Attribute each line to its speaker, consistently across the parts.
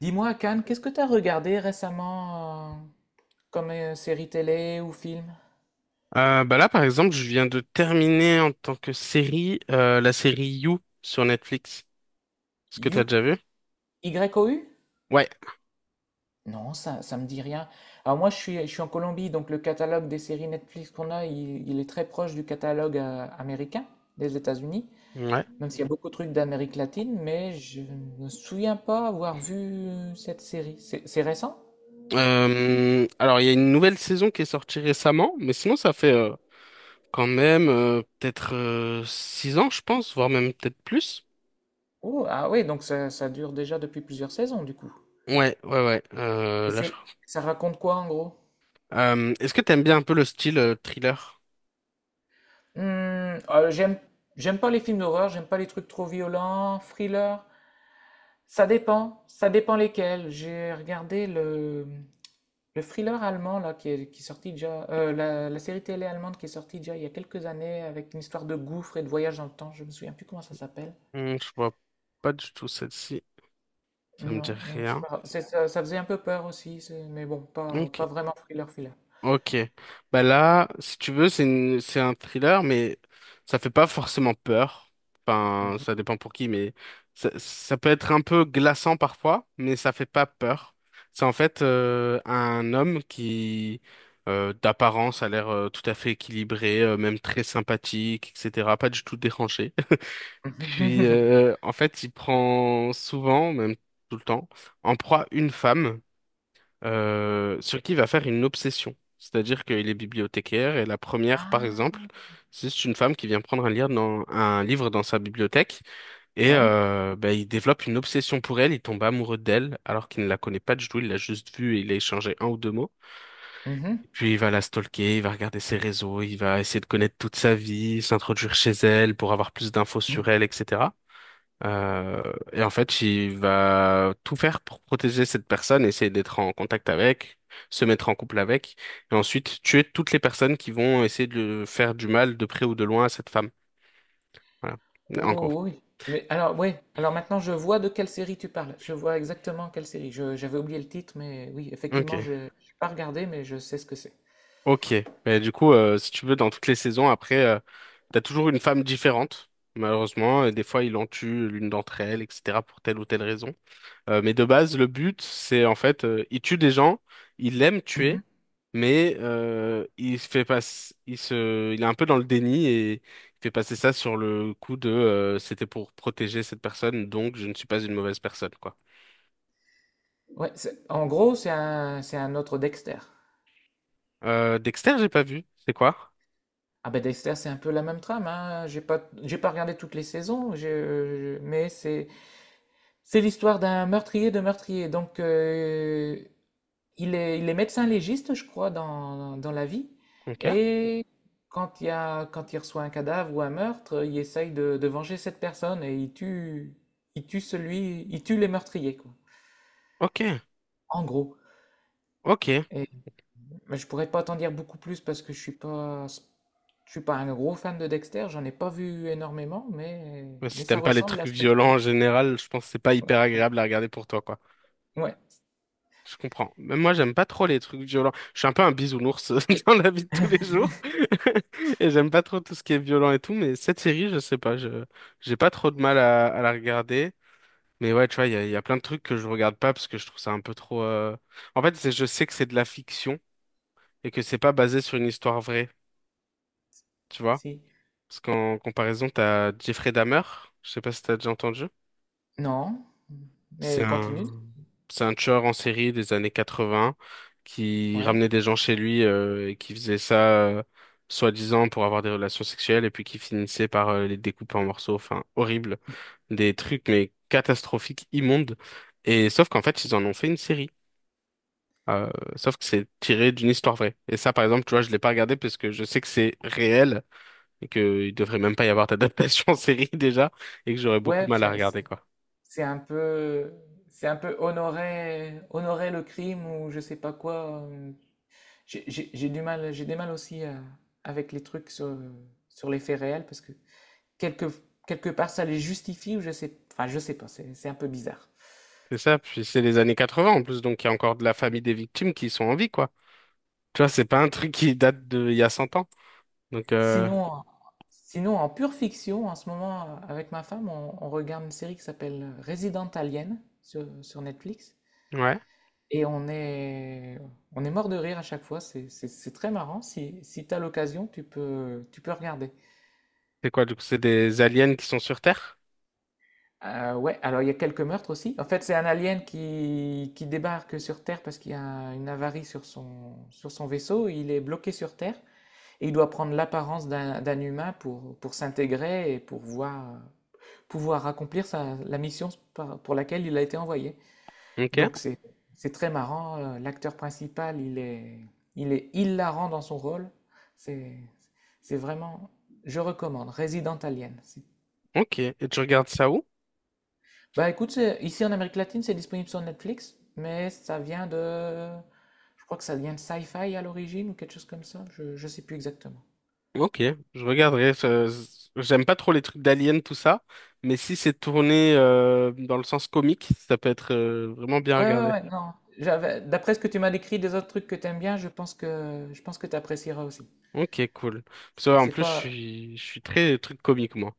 Speaker 1: Dis-moi, Cannes, qu'est-ce que tu as regardé récemment comme série télé ou film?
Speaker 2: Bah là, par exemple, je viens de terminer en tant que série la série You sur Netflix. Est-ce que t'as
Speaker 1: You.
Speaker 2: déjà vu?
Speaker 1: Y O U?
Speaker 2: Ouais.
Speaker 1: Non, ça me dit rien. Alors moi, je suis en Colombie, donc le catalogue des séries Netflix qu'on a, il est très proche du catalogue américain des États-Unis,
Speaker 2: Ouais.
Speaker 1: même s'il y a beaucoup de trucs d'Amérique latine, mais je ne me souviens pas avoir vu cette série. C'est récent?
Speaker 2: Alors, il y a une nouvelle saison qui est sortie récemment, mais sinon, ça fait quand même peut-être six ans, je pense, voire même peut-être plus.
Speaker 1: Oh, ah oui, donc ça dure déjà depuis plusieurs saisons, du coup.
Speaker 2: Ouais, ouais, ouais.
Speaker 1: Et
Speaker 2: Là, je
Speaker 1: c'est,
Speaker 2: crois.
Speaker 1: ça raconte quoi en gros?
Speaker 2: Est-ce que t'aimes bien un peu le style thriller?
Speaker 1: Hmm, euh, j'aime, J'aime pas les films d'horreur, j'aime pas les trucs trop violents, thriller. Ça dépend lesquels. J'ai regardé le thriller allemand là qui est sorti déjà, la série télé allemande qui est sortie déjà il y a quelques années avec une histoire de gouffre et de voyage dans le temps. Je me souviens plus comment ça s'appelle.
Speaker 2: Hmm, je vois pas du tout celle-ci. Ça me dit
Speaker 1: Non, c'est
Speaker 2: rien.
Speaker 1: pas grave. Ça faisait un peu peur aussi, mais bon,
Speaker 2: Ok.
Speaker 1: pas vraiment thriller thriller.
Speaker 2: Ok. Bah là, si tu veux, c'est un thriller, mais ça fait pas forcément peur. Enfin, ça dépend pour qui, mais ça peut être un peu glaçant parfois, mais ça fait pas peur. C'est en fait un homme d'apparence, a l'air tout à fait équilibré, même très sympathique, etc. Pas du tout dérangé. Puis,
Speaker 1: Mhm.
Speaker 2: en fait, il prend souvent, même tout le temps, en proie une femme sur qui il va faire une obsession. C'est-à-dire qu'il est bibliothécaire et la première, par
Speaker 1: Ah,
Speaker 2: exemple, c'est une femme qui vient prendre un livre dans un livre dans sa bibliothèque et
Speaker 1: ouais.
Speaker 2: ben, il développe une obsession pour elle, il tombe amoureux d'elle alors qu'il ne la connaît pas du tout, il l'a juste vue et il a échangé un ou deux mots.
Speaker 1: Mhm.
Speaker 2: Puis il va la stalker, il va regarder ses réseaux, il va essayer de connaître toute sa vie, s'introduire chez elle pour avoir plus d'infos sur elle, etc. Euh, et en fait, il va tout faire pour protéger cette personne, essayer d'être en contact avec, se mettre en couple avec, et ensuite tuer toutes les personnes qui vont essayer de faire du mal de près ou de loin à cette femme. Voilà. En gros.
Speaker 1: Oh, oui. Mais alors, oui. Alors maintenant, je vois de quelle série tu parles. Je vois exactement quelle série. J'avais oublié le titre, mais oui, effectivement,
Speaker 2: Ok.
Speaker 1: je n'ai pas regardé, mais je sais ce que c'est.
Speaker 2: Ok. Mais du coup, si tu veux, dans toutes les saisons, après, t'as toujours une femme différente, malheureusement, et des fois, il en tue l'une d'entre elles, etc., pour telle ou telle raison. Mais de base, le but, c'est en fait, il tue des gens, il aime
Speaker 1: Mhm.
Speaker 2: tuer, mais il se fait pas, il est un peu dans le déni et il fait passer ça sur le coup de, c'était pour protéger cette personne, donc je ne suis pas une mauvaise personne, quoi.
Speaker 1: Ouais, en gros, c'est un autre Dexter.
Speaker 2: Dexter, j'ai pas vu. C'est quoi?
Speaker 1: Ah ben Dexter, c'est un peu la même trame, hein. J'ai pas regardé toutes les saisons, mais c'est l'histoire d'un meurtrier de meurtrier. Donc, il est médecin légiste, je crois, dans la vie.
Speaker 2: Ok.
Speaker 1: Et quand il reçoit un cadavre ou un meurtre, il essaye de venger cette personne et il tue les meurtriers, quoi.
Speaker 2: Ok,
Speaker 1: En gros.
Speaker 2: ok.
Speaker 1: Et, mais je pourrais pas t'en dire beaucoup plus parce que je suis pas un gros fan de Dexter. J'en ai pas vu énormément,
Speaker 2: Ouais,
Speaker 1: mais
Speaker 2: si
Speaker 1: ça
Speaker 2: t'aimes pas les
Speaker 1: ressemble
Speaker 2: trucs
Speaker 1: à ce que tu.
Speaker 2: violents en général, je pense que c'est pas
Speaker 1: Ouais,
Speaker 2: hyper
Speaker 1: ouais.
Speaker 2: agréable à regarder pour toi, quoi.
Speaker 1: Ouais,
Speaker 2: Je comprends. Même moi, j'aime pas trop les trucs violents. Je suis un peu un bisounours dans la vie de tous les jours. Et j'aime pas trop tout ce qui est violent et tout. Mais cette série, je sais pas, je j'ai pas trop de mal à la regarder. Mais ouais, tu vois, il y a plein de trucs que je regarde pas parce que je trouve ça un peu trop. En fait, je sais que c'est de la fiction et que c'est pas basé sur une histoire vraie, tu vois.
Speaker 1: si.
Speaker 2: Parce qu'en comparaison, t'as Jeffrey Dahmer. Je sais pas si t'as déjà entendu.
Speaker 1: Non,
Speaker 2: C'est
Speaker 1: mais
Speaker 2: un,
Speaker 1: continue.
Speaker 2: c'est un tueur en série des années 80 qui
Speaker 1: Ouais.
Speaker 2: ramenait des gens chez lui et qui faisait ça soi-disant pour avoir des relations sexuelles et puis qui finissait par les découper en morceaux. Enfin, horrible. Des trucs, mais catastrophiques, immondes. Et sauf qu'en fait, ils en ont fait une série. Euh, sauf que c'est tiré d'une histoire vraie. Et ça, par exemple, tu vois, je l'ai pas regardé parce que je sais que c'est réel et qu'il devrait même pas y avoir d'adaptation en série déjà et que j'aurais beaucoup de
Speaker 1: Ouais,
Speaker 2: mal à regarder, quoi.
Speaker 1: C'est un peu, c'est un peu honorer le crime ou je sais pas quoi. J'ai du mal, j'ai des mal aussi à- avec les trucs sur les faits réels parce que quelque, quelque part ça les justifie ou je sais, enfin je sais pas, c'est un peu bizarre.
Speaker 2: C'est ça, puis c'est les années 80 en plus, donc il y a encore de la famille des victimes qui sont en vie, quoi. Tu vois, c'est pas un truc qui date de il y a 100 ans. Donc,
Speaker 1: Sinon, en- Sinon en pure fiction, en ce moment avec ma femme, on regarde une série qui s'appelle Resident Alien sur Netflix.
Speaker 2: ouais.
Speaker 1: Et on est mort de rire à chaque fois, c'est très marrant. Si tu as l'occasion, tu peux regarder.
Speaker 2: C'est quoi, du coup, c'est des aliens qui sont sur Terre?
Speaker 1: Ouais, alors il y a quelques meurtres aussi. En fait, c'est un alien qui débarque sur Terre parce qu'il y a une avarie sur son vaisseau. Il est bloqué sur Terre et il doit prendre l'apparence d'un humain pour s'intégrer et pouvoir accomplir la mission pour laquelle il a été envoyé.
Speaker 2: Ok,
Speaker 1: Donc c'est très marrant. L'acteur principal, il est hilarant dans son rôle. C'est c'est vraiment, je recommande. Resident Alien.
Speaker 2: ok. Et tu regardes ça où?
Speaker 1: Bah écoute, ici en Amérique latine, c'est disponible sur Netflix, mais je crois que ça vient de Sci-Fi à l'origine ou quelque chose comme ça. Je sais plus exactement.
Speaker 2: Ok, je regarderai. J'aime pas trop les trucs d'aliens, tout ça, mais si c'est tourné dans le sens comique, ça peut être vraiment bien
Speaker 1: Ouais, ouais,
Speaker 2: regardé.
Speaker 1: ouais, non. D'après ce que tu m'as décrit des autres trucs que t'aimes bien, je pense que tu apprécieras aussi.
Speaker 2: Ok, cool. Parce que, ouais, en
Speaker 1: C'est
Speaker 2: plus,
Speaker 1: pas
Speaker 2: je suis très truc comique, moi.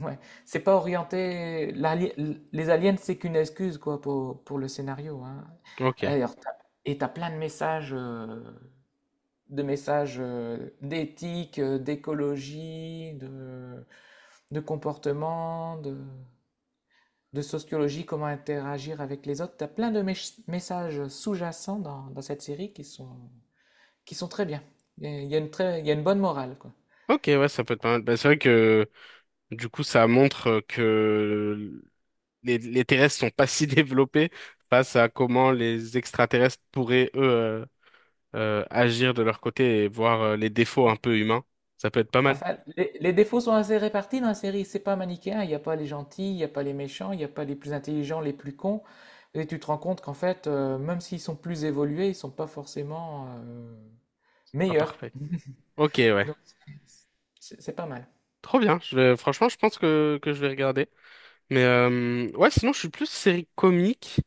Speaker 1: Ouais, c'est pas orienté. Les aliens, c'est qu'une excuse quoi pour le scénario. Hein.
Speaker 2: Ok.
Speaker 1: Alors, et t'as plein de messages, d'éthique, d'écologie, de comportement, de sociologie, comment interagir avec les autres. T'as plein de messages sous-jacents dans cette série qui sont très bien. Il y a une très, il y a une bonne morale quoi.
Speaker 2: Ok, ouais, ça peut être pas mal. Bah, c'est vrai que du coup, ça montre que les terrestres sont pas si développés face à comment les extraterrestres pourraient, eux, agir de leur côté et voir les défauts un peu humains. Ça peut être pas mal.
Speaker 1: Enfin, les défauts sont assez répartis dans la série. C'est pas manichéen. Il n'y a pas les gentils, il n'y a pas les méchants, il n'y a pas les plus intelligents, les plus cons. Et tu te rends compte qu'en fait, même s'ils sont plus évolués, ils sont pas forcément
Speaker 2: C'est pas
Speaker 1: meilleurs.
Speaker 2: parfait. Ok, ouais.
Speaker 1: Donc, c'est pas mal.
Speaker 2: Trop bien. Franchement, je pense que je vais regarder. Mais ouais, sinon, je suis plus série comique.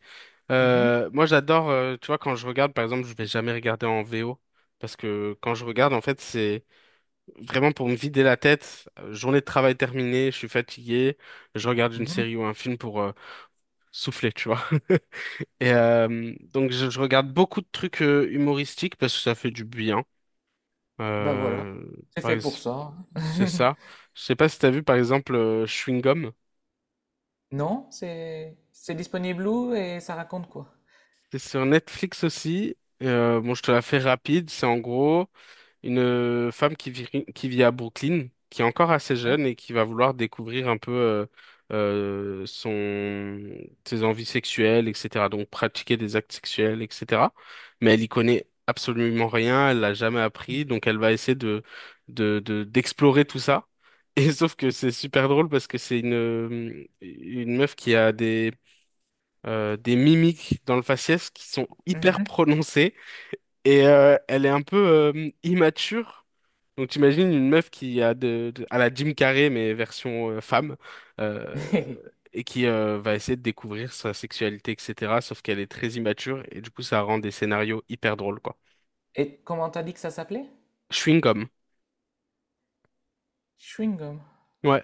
Speaker 1: Mhm,
Speaker 2: Moi, j'adore, tu vois, quand je regarde, par exemple, je vais jamais regarder en VO. Parce que quand je regarde, en fait, c'est vraiment pour me vider la tête. Journée de travail terminée, je suis fatigué, je regarde une
Speaker 1: mhm.
Speaker 2: série ou un film pour souffler, tu vois. Et donc je regarde beaucoup de trucs humoristiques parce que ça fait du bien.
Speaker 1: Bah voilà.
Speaker 2: Euh,
Speaker 1: C'est
Speaker 2: par
Speaker 1: fait pour
Speaker 2: ex-
Speaker 1: ça.
Speaker 2: c'est ça. Je sais pas si t'as vu par exemple Chewing Gum.
Speaker 1: Non, c'est disponible où et ça raconte quoi?
Speaker 2: C'est sur Netflix aussi. Bon, je te la fais rapide. C'est en gros, une femme qui vit à Brooklyn, qui est encore assez
Speaker 1: Ouais.
Speaker 2: jeune et qui va vouloir découvrir un peu euh, son, ses envies sexuelles, etc. Donc pratiquer des actes sexuels, etc. Mais elle y connaît absolument rien, elle l'a jamais appris, donc elle va essayer d'explorer tout ça. Et sauf que c'est super drôle parce que c'est une meuf qui a des mimiques dans le faciès qui sont hyper
Speaker 1: Mhm.
Speaker 2: prononcées et elle est un peu immature. Donc t'imagines une meuf qui a à la Jim Carrey mais version femme euh, et qui va essayer de découvrir sa sexualité etc. Sauf qu'elle est très immature et du coup ça rend des scénarios hyper drôles quoi.
Speaker 1: Et comment t'as dit que ça s'appelait?
Speaker 2: Chewing-gum.
Speaker 1: Chewing gum.
Speaker 2: Ouais.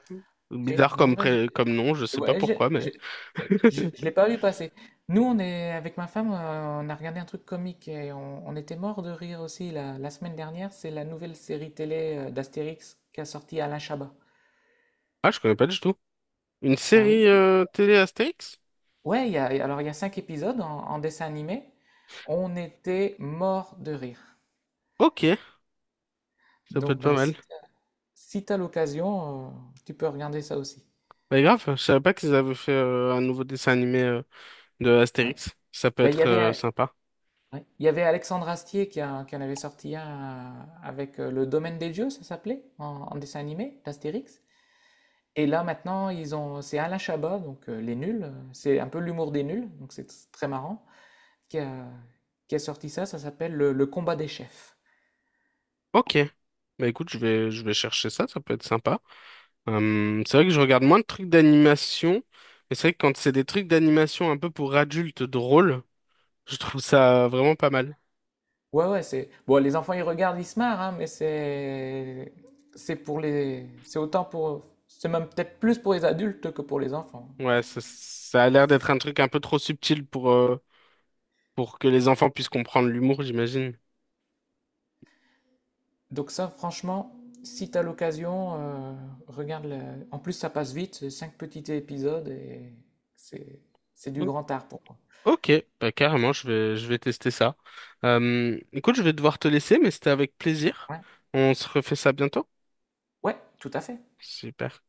Speaker 1: Ok.
Speaker 2: Bizarre
Speaker 1: Non,
Speaker 2: comme
Speaker 1: bah,
Speaker 2: comme nom, je sais pas
Speaker 1: ouais,
Speaker 2: pourquoi
Speaker 1: j'ai-
Speaker 2: mais
Speaker 1: Je, je l'ai pas vu passer. Nous, on est avec ma femme, on a regardé un truc comique et on était mort de rire aussi la semaine dernière. C'est la nouvelle série télé d'Astérix qu'a sorti Alain Chabat.
Speaker 2: ah je connais pas du tout. Une
Speaker 1: Bah
Speaker 2: série
Speaker 1: oui,
Speaker 2: télé Astérix?
Speaker 1: ouais. Alors il y a cinq épisodes en dessin animé. On était mort de rire.
Speaker 2: Ok, ça peut
Speaker 1: Donc
Speaker 2: être pas
Speaker 1: ben
Speaker 2: mal.
Speaker 1: si t'as l'occasion, tu peux regarder ça aussi.
Speaker 2: Bah grave, je savais pas qu'ils avaient fait un nouveau dessin animé de
Speaker 1: Ouais.
Speaker 2: Astérix. Ça peut
Speaker 1: Ben,
Speaker 2: être sympa.
Speaker 1: ouais, il y avait Alexandre Astier qui en avait sorti un avec le Domaine des Dieux, ça s'appelait, en dessin animé d'Astérix. Et là maintenant ils ont c'est Alain Chabat donc Les Nuls, c'est un peu l'humour des nuls, donc c'est tr très marrant, qui a qui a sorti ça, ça s'appelle le combat des chefs.
Speaker 2: Ok. Bah écoute, je vais chercher ça, ça peut être sympa. C'est vrai que je regarde moins de trucs d'animation, mais c'est vrai que quand c'est des trucs d'animation un peu pour adultes drôles, je trouve ça vraiment pas mal.
Speaker 1: Ouais, ouais, c'est bon les enfants ils regardent, ils se marrent, hein, mais c'est même peut-être plus pour les adultes que pour les enfants.
Speaker 2: Ouais, ça a l'air d'être
Speaker 1: C'est
Speaker 2: un truc un peu trop subtil pour que les enfants puissent comprendre l'humour, j'imagine.
Speaker 1: Donc ça franchement, si t'as l'occasion, regarde le en plus ça passe vite, c'est 5 petits épisodes et c'est c'est du
Speaker 2: Mm.
Speaker 1: grand art pour moi.
Speaker 2: Ok, bah carrément, je vais tester ça. Écoute, je vais devoir te laisser, mais c'était avec plaisir.
Speaker 1: Ouais,
Speaker 2: On se refait ça bientôt.
Speaker 1: ouais, tout à fait.
Speaker 2: Super.